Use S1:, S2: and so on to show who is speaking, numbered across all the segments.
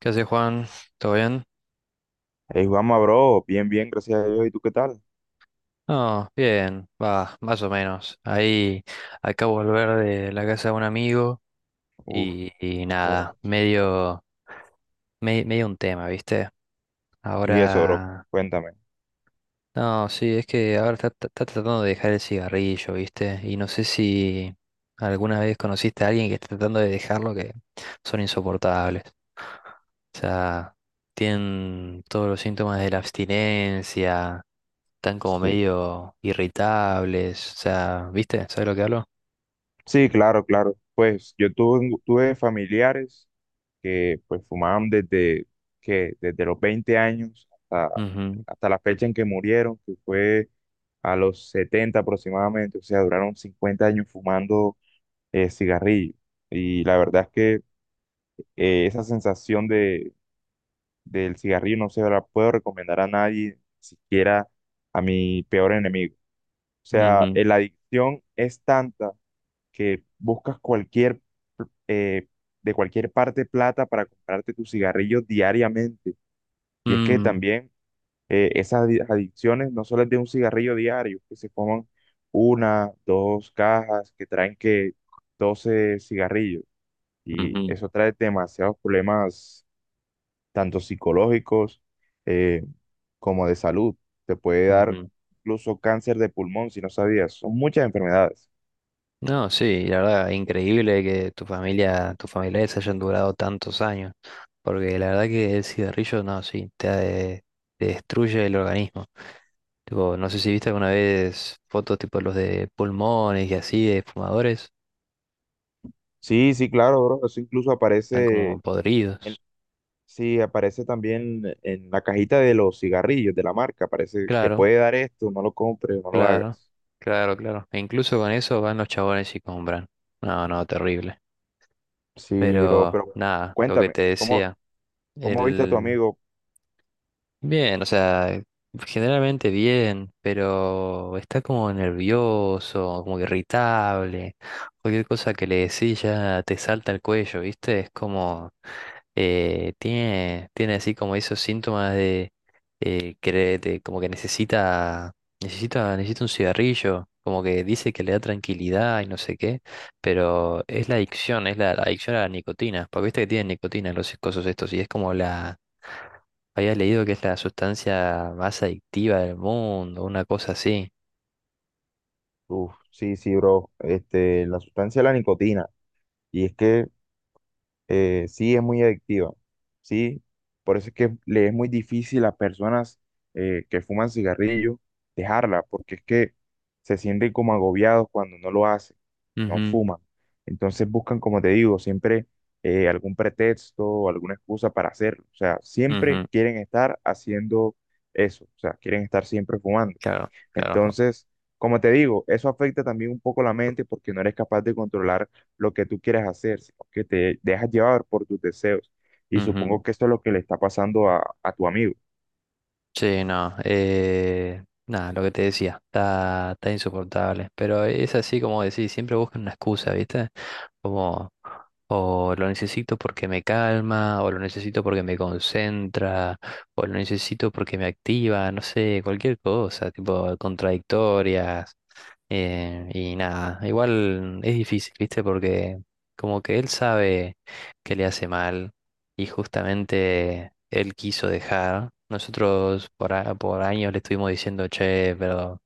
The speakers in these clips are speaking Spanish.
S1: ¿Qué hace Juan? ¿Todo bien?
S2: Hey, Juanma, bro, bien, bien, gracias a Dios. ¿Y tú qué tal?
S1: No, bien, va, más o menos. Ahí acabo de volver de la casa de un amigo
S2: Uf,
S1: y
S2: bro.
S1: nada, medio, me- medio un tema, ¿viste?
S2: Y eso, bro,
S1: Ahora,
S2: cuéntame.
S1: no, sí, es que ahora está tratando de dejar el cigarrillo, ¿viste? Y no sé si alguna vez conociste a alguien que está tratando de dejarlo, que son insoportables. O sea, tienen todos los síntomas de la abstinencia, están como
S2: Sí,
S1: medio irritables, o sea, ¿viste? ¿Sabes lo que hablo?
S2: sí, claro, claro. Pues yo tuve, familiares que pues fumaban desde, desde los 20 años hasta,
S1: Ujú,
S2: hasta la fecha en que murieron, que fue a los 70 aproximadamente. O sea, duraron 50 años fumando cigarrillo. Y la verdad es que esa sensación de del cigarrillo no se la puedo recomendar a nadie, ni siquiera a mi peor enemigo. O sea,
S1: ujú,
S2: la adicción es tanta que buscas eh, de cualquier parte plata para comprarte tus cigarrillos diariamente. Y es que
S1: mm,
S2: también esas adicciones no solo es de un cigarrillo diario, que se coman una, dos cajas que traen que 12 cigarrillos. Y
S1: ujú,
S2: eso trae demasiados problemas tanto psicológicos eh, como de salud. Te puede dar
S1: ujú.
S2: incluso cáncer de pulmón, si no sabías. Son muchas enfermedades.
S1: No, sí, la verdad, increíble que tu familia, tus familiares hayan durado tantos años, porque la verdad que el cigarrillo, no, sí, te destruye el organismo. Tipo, no sé si viste alguna vez fotos tipo los de pulmones y así de fumadores.
S2: Sí, sí, claro, bro. Eso incluso
S1: Están como
S2: en,
S1: podridos.
S2: sí, aparece también en la cajita de los cigarrillos de la marca. Aparece, te
S1: Claro,
S2: puede dar esto, no lo compres, no lo
S1: claro,
S2: hagas.
S1: claro, claro. E incluso con eso van los chabones y compran. No, no, terrible.
S2: Sí, bro,
S1: Pero
S2: pero
S1: nada, lo que
S2: cuéntame,
S1: te
S2: ¿cómo,
S1: decía,
S2: cómo viste a tu
S1: el,
S2: amigo?
S1: Bien, o sea, generalmente bien, pero está como nervioso, como irritable. Cualquier cosa que le decís ya te salta al cuello, ¿viste? Es como, tiene así como esos síntomas de, como que necesita un cigarrillo, como que dice que le da tranquilidad y no sé qué, pero es la adicción, es la adicción a la nicotina, porque viste que tienen nicotina los cosos estos y es como la... Había leído que es la sustancia más adictiva del mundo, una cosa así.
S2: Uf, sí, sí, bro. Este, la sustancia de la nicotina. Y es que sí es muy adictiva, sí, por eso es que le es muy difícil a personas que fuman cigarrillo dejarla, porque es que se sienten como agobiados cuando no lo hacen, no
S1: Ujú,
S2: fuman. Entonces buscan, como te digo, siempre algún pretexto o alguna excusa para hacerlo. O sea, siempre
S1: ujú.
S2: quieren estar haciendo eso, o sea, quieren estar siempre fumando.
S1: Claro, claro.
S2: Entonces, como te digo, eso afecta también un poco la mente porque no eres capaz de controlar lo que tú quieres hacer, sino que te dejas llevar por tus deseos. Y
S1: Ujú.
S2: supongo que esto es lo que le está pasando a tu amigo.
S1: Sí, no. Nada, lo que te decía, está insoportable. Pero es así como decís, siempre buscan una excusa, ¿viste? Como, o lo necesito porque me calma, o lo necesito porque me concentra, o lo necesito porque me activa, no sé, cualquier cosa, tipo contradictorias. Y nada, igual es difícil, ¿viste? Porque como que él sabe que le hace mal y justamente él quiso dejar. Nosotros por años le estuvimos diciendo, che, pero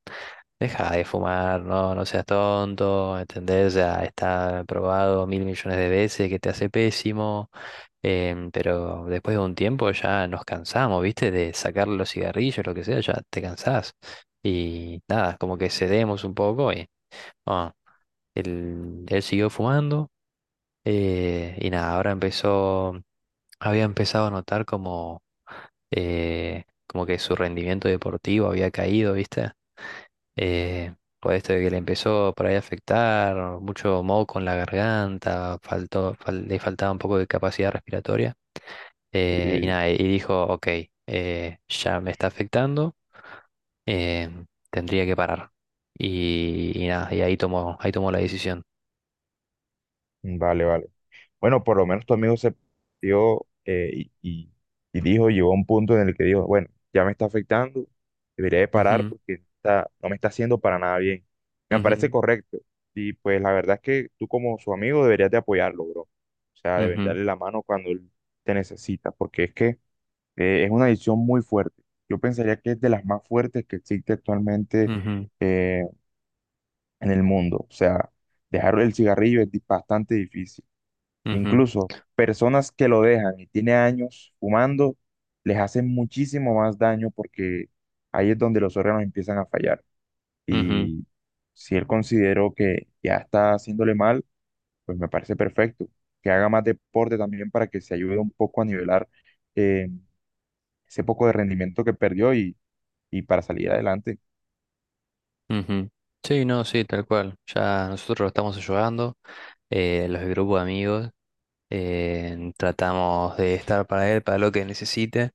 S1: deja de fumar, no, no seas tonto, ¿entendés? Ya está probado mil millones de veces que te hace pésimo. Pero después de un tiempo ya nos cansamos, ¿viste? De sacarle los cigarrillos, lo que sea, ya te cansás. Y nada, como que cedemos un poco y ah, él siguió fumando, y nada, había empezado a notar como, como que su rendimiento deportivo había caído, ¿viste? Eh, por esto de que le empezó por ahí a afectar, mucho moco en la garganta, le faltaba un poco de capacidad respiratoria. Y
S2: eh,
S1: nada, y dijo, ok, ya me está afectando, eh, tendría que parar. Y nada, ahí tomó la decisión.
S2: Vale, vale. Bueno, por lo menos tu amigo se dio y dijo, llegó a un punto en el que dijo, bueno, ya me está afectando, debería de parar
S1: Ujú,
S2: porque no está, no me está haciendo para nada bien. Me parece
S1: ujú,
S2: correcto. Y pues la verdad es que tú como su amigo deberías de apoyarlo, bro. O sea, deben
S1: ujú,
S2: darle la mano cuando él te necesita, porque es que es una adicción muy fuerte. Yo pensaría que es de las más fuertes que existe actualmente
S1: ujú.
S2: eh, en el mundo. O sea, dejar el cigarrillo es bastante difícil.
S1: Ujú,
S2: Incluso personas que lo dejan y tiene años fumando, les hacen muchísimo más daño porque ahí es donde los órganos empiezan a fallar.
S1: ujú,
S2: Y si él consideró que ya está haciéndole mal, pues me parece perfecto. Que haga más deporte también para que se ayude un poco a nivelar eh, ese poco de rendimiento que perdió y para salir adelante.
S1: ujú. Sí, no, sí, tal cual. Ya nosotros lo estamos ayudando, los del grupo de amigos, tratamos de estar para él, para lo que necesite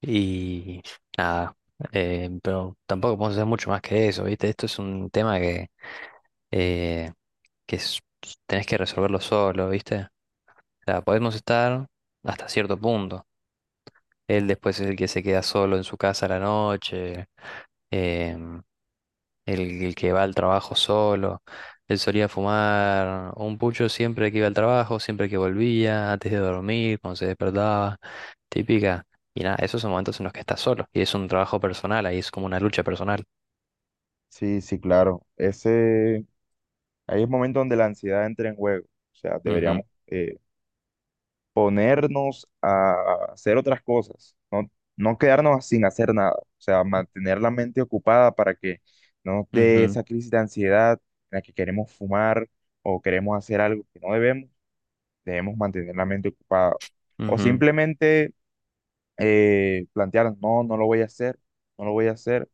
S1: y nada, pero tampoco podemos hacer mucho más que eso, ¿viste? Esto es un tema eh, que tenés que resolverlo solo, ¿viste? O sea, podemos estar hasta cierto punto. Él después es el que se queda solo en su casa a la noche. em, el que va al trabajo solo. Él solía fumar un pucho siempre que iba al trabajo, siempre que volvía, antes de dormir, cuando se despertaba. Típica. Y nada, esos son momentos en los que estás solo. Y es un trabajo personal, ahí es como una lucha personal.
S2: Sí, sí, claro. Ese, ahí es el momento donde la ansiedad entra en juego. O sea,
S1: Ujú,
S2: deberíamos ponernos a hacer otras cosas, no, no quedarnos sin hacer nada, o sea, mantener la mente ocupada para que no nos dé
S1: ujú,
S2: esa crisis de ansiedad en la que queremos fumar o queremos hacer algo que no debemos, debemos mantener la mente ocupada. O
S1: ujú,
S2: simplemente plantear, no, no lo voy a hacer, no lo voy a hacer.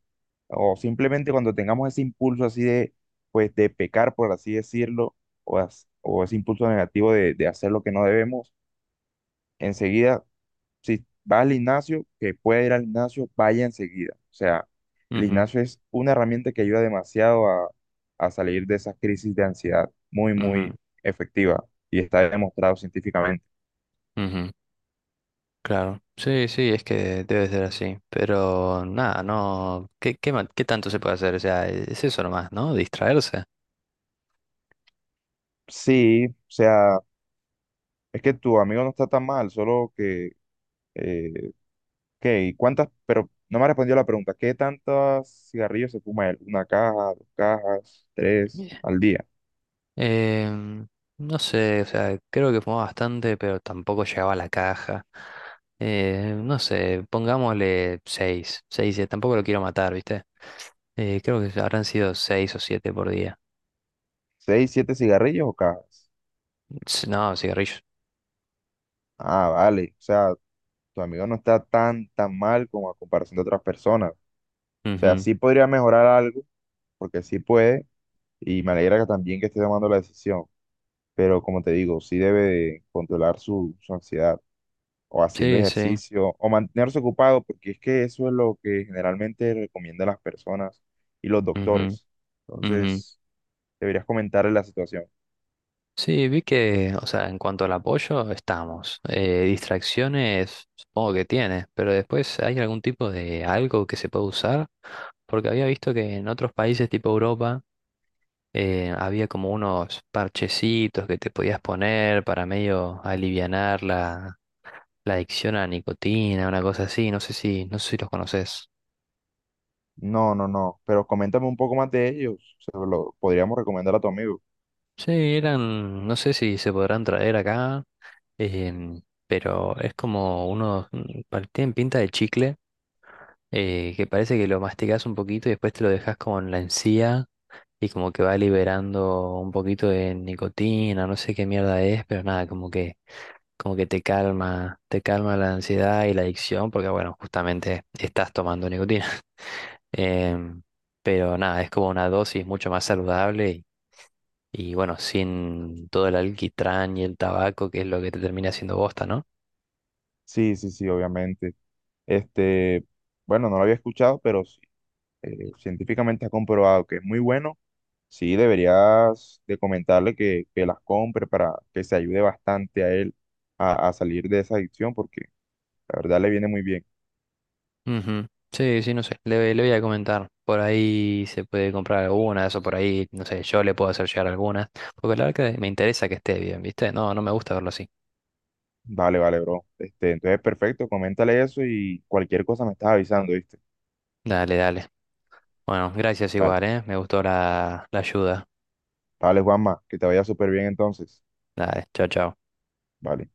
S2: O simplemente cuando tengamos ese impulso así de, pues, de pecar, por así decirlo, o ese impulso negativo de hacer lo que no debemos, enseguida si va al gimnasio, que puede ir al gimnasio, vaya enseguida. O sea, el
S1: ujú,
S2: gimnasio es una herramienta que ayuda demasiado a salir de esas crisis de ansiedad, muy,
S1: ujú,
S2: muy efectiva y está demostrado científicamente.
S1: ujú. Claro. Sí, sí, es que debe ser así. Pero nada, no. ¿ Qué tanto se puede hacer? O sea, es eso nomás, ¿no? Distraerse.
S2: Sí, o sea, es que tu amigo no está tan mal, solo que, eh, ¿qué? ¿Cuántas? Pero no me ha respondido la pregunta, ¿qué tantos cigarrillos se fuma él? ¿Una caja, dos cajas, tres al día?
S1: Em, no sé, o sea, creo que fumaba bastante, pero tampoco llegaba a la caja. No sé, pongámosle seis seis 6, tampoco lo quiero matar, ¿viste? Creo que habrán sido 6 o 7 por día.
S2: ¿Seis, siete cigarrillos o cajas?
S1: No, cigarrillos.
S2: Ah, vale, o sea, tu amigo no está tan, tan mal como a comparación de otras personas. O sea,
S1: Ujú.
S2: sí podría mejorar algo, porque sí puede, y me alegra que también que esté tomando la decisión, pero como te digo, sí debe de controlar su, su ansiedad, o haciendo
S1: Sí, sí.
S2: ejercicio, o mantenerse ocupado, porque es que eso es lo que generalmente recomiendan las personas y los
S1: Ujú,
S2: doctores.
S1: ujú.
S2: Entonces, deberías comentarle la situación.
S1: Sí, vi que, o sea, en cuanto al apoyo, estamos. Distracciones, supongo que tiene, pero después hay algún tipo de algo que se puede usar, porque había visto que en otros países tipo Europa había como unos parchecitos que te podías poner para medio alivianar la adicción a la nicotina, una cosa así, no sé si los conoces.
S2: No, no, no, pero coméntame un poco más de ellos, se lo podríamos recomendar a tu amigo.
S1: Sí, eran, no sé si se podrán traer acá, pero es como unos, tienen pinta de chicle, que parece que lo masticas un poquito y después te lo dejas como en la encía y como que va liberando un poquito de nicotina, no sé qué mierda es, pero nada, como que te calma la ansiedad y la adicción, porque bueno, justamente estás tomando nicotina. Em, pero nada, es como una dosis mucho más saludable y bueno, sin todo el alquitrán y el tabaco, que es lo que te termina haciendo bosta, ¿no?
S2: Sí, sí, sí, obviamente. Este, bueno, no lo había escuchado, pero sí, científicamente ha comprobado que es muy bueno. Sí, deberías de comentarle que las compre para que se ayude bastante a él a salir de esa adicción, porque la verdad le viene muy bien.
S1: Ujú. Sí, sí, no sé. Le voy a comentar. Por ahí se puede comprar algunas, o por ahí, no sé, yo le puedo hacer llegar algunas. Porque la verdad que me interesa que esté bien, ¿viste? No, no me gusta verlo así.
S2: Vale, vale, bro. Este, entonces, perfecto, coméntale eso y cualquier cosa me estás avisando, ¿viste?
S1: Dale, dale. Bueno, gracias
S2: Vale,
S1: igual, ¿eh? Me gustó la ayuda.
S2: vale, Juanma, que te vaya súper bien entonces.
S1: Dale, chao, chao.
S2: Vale.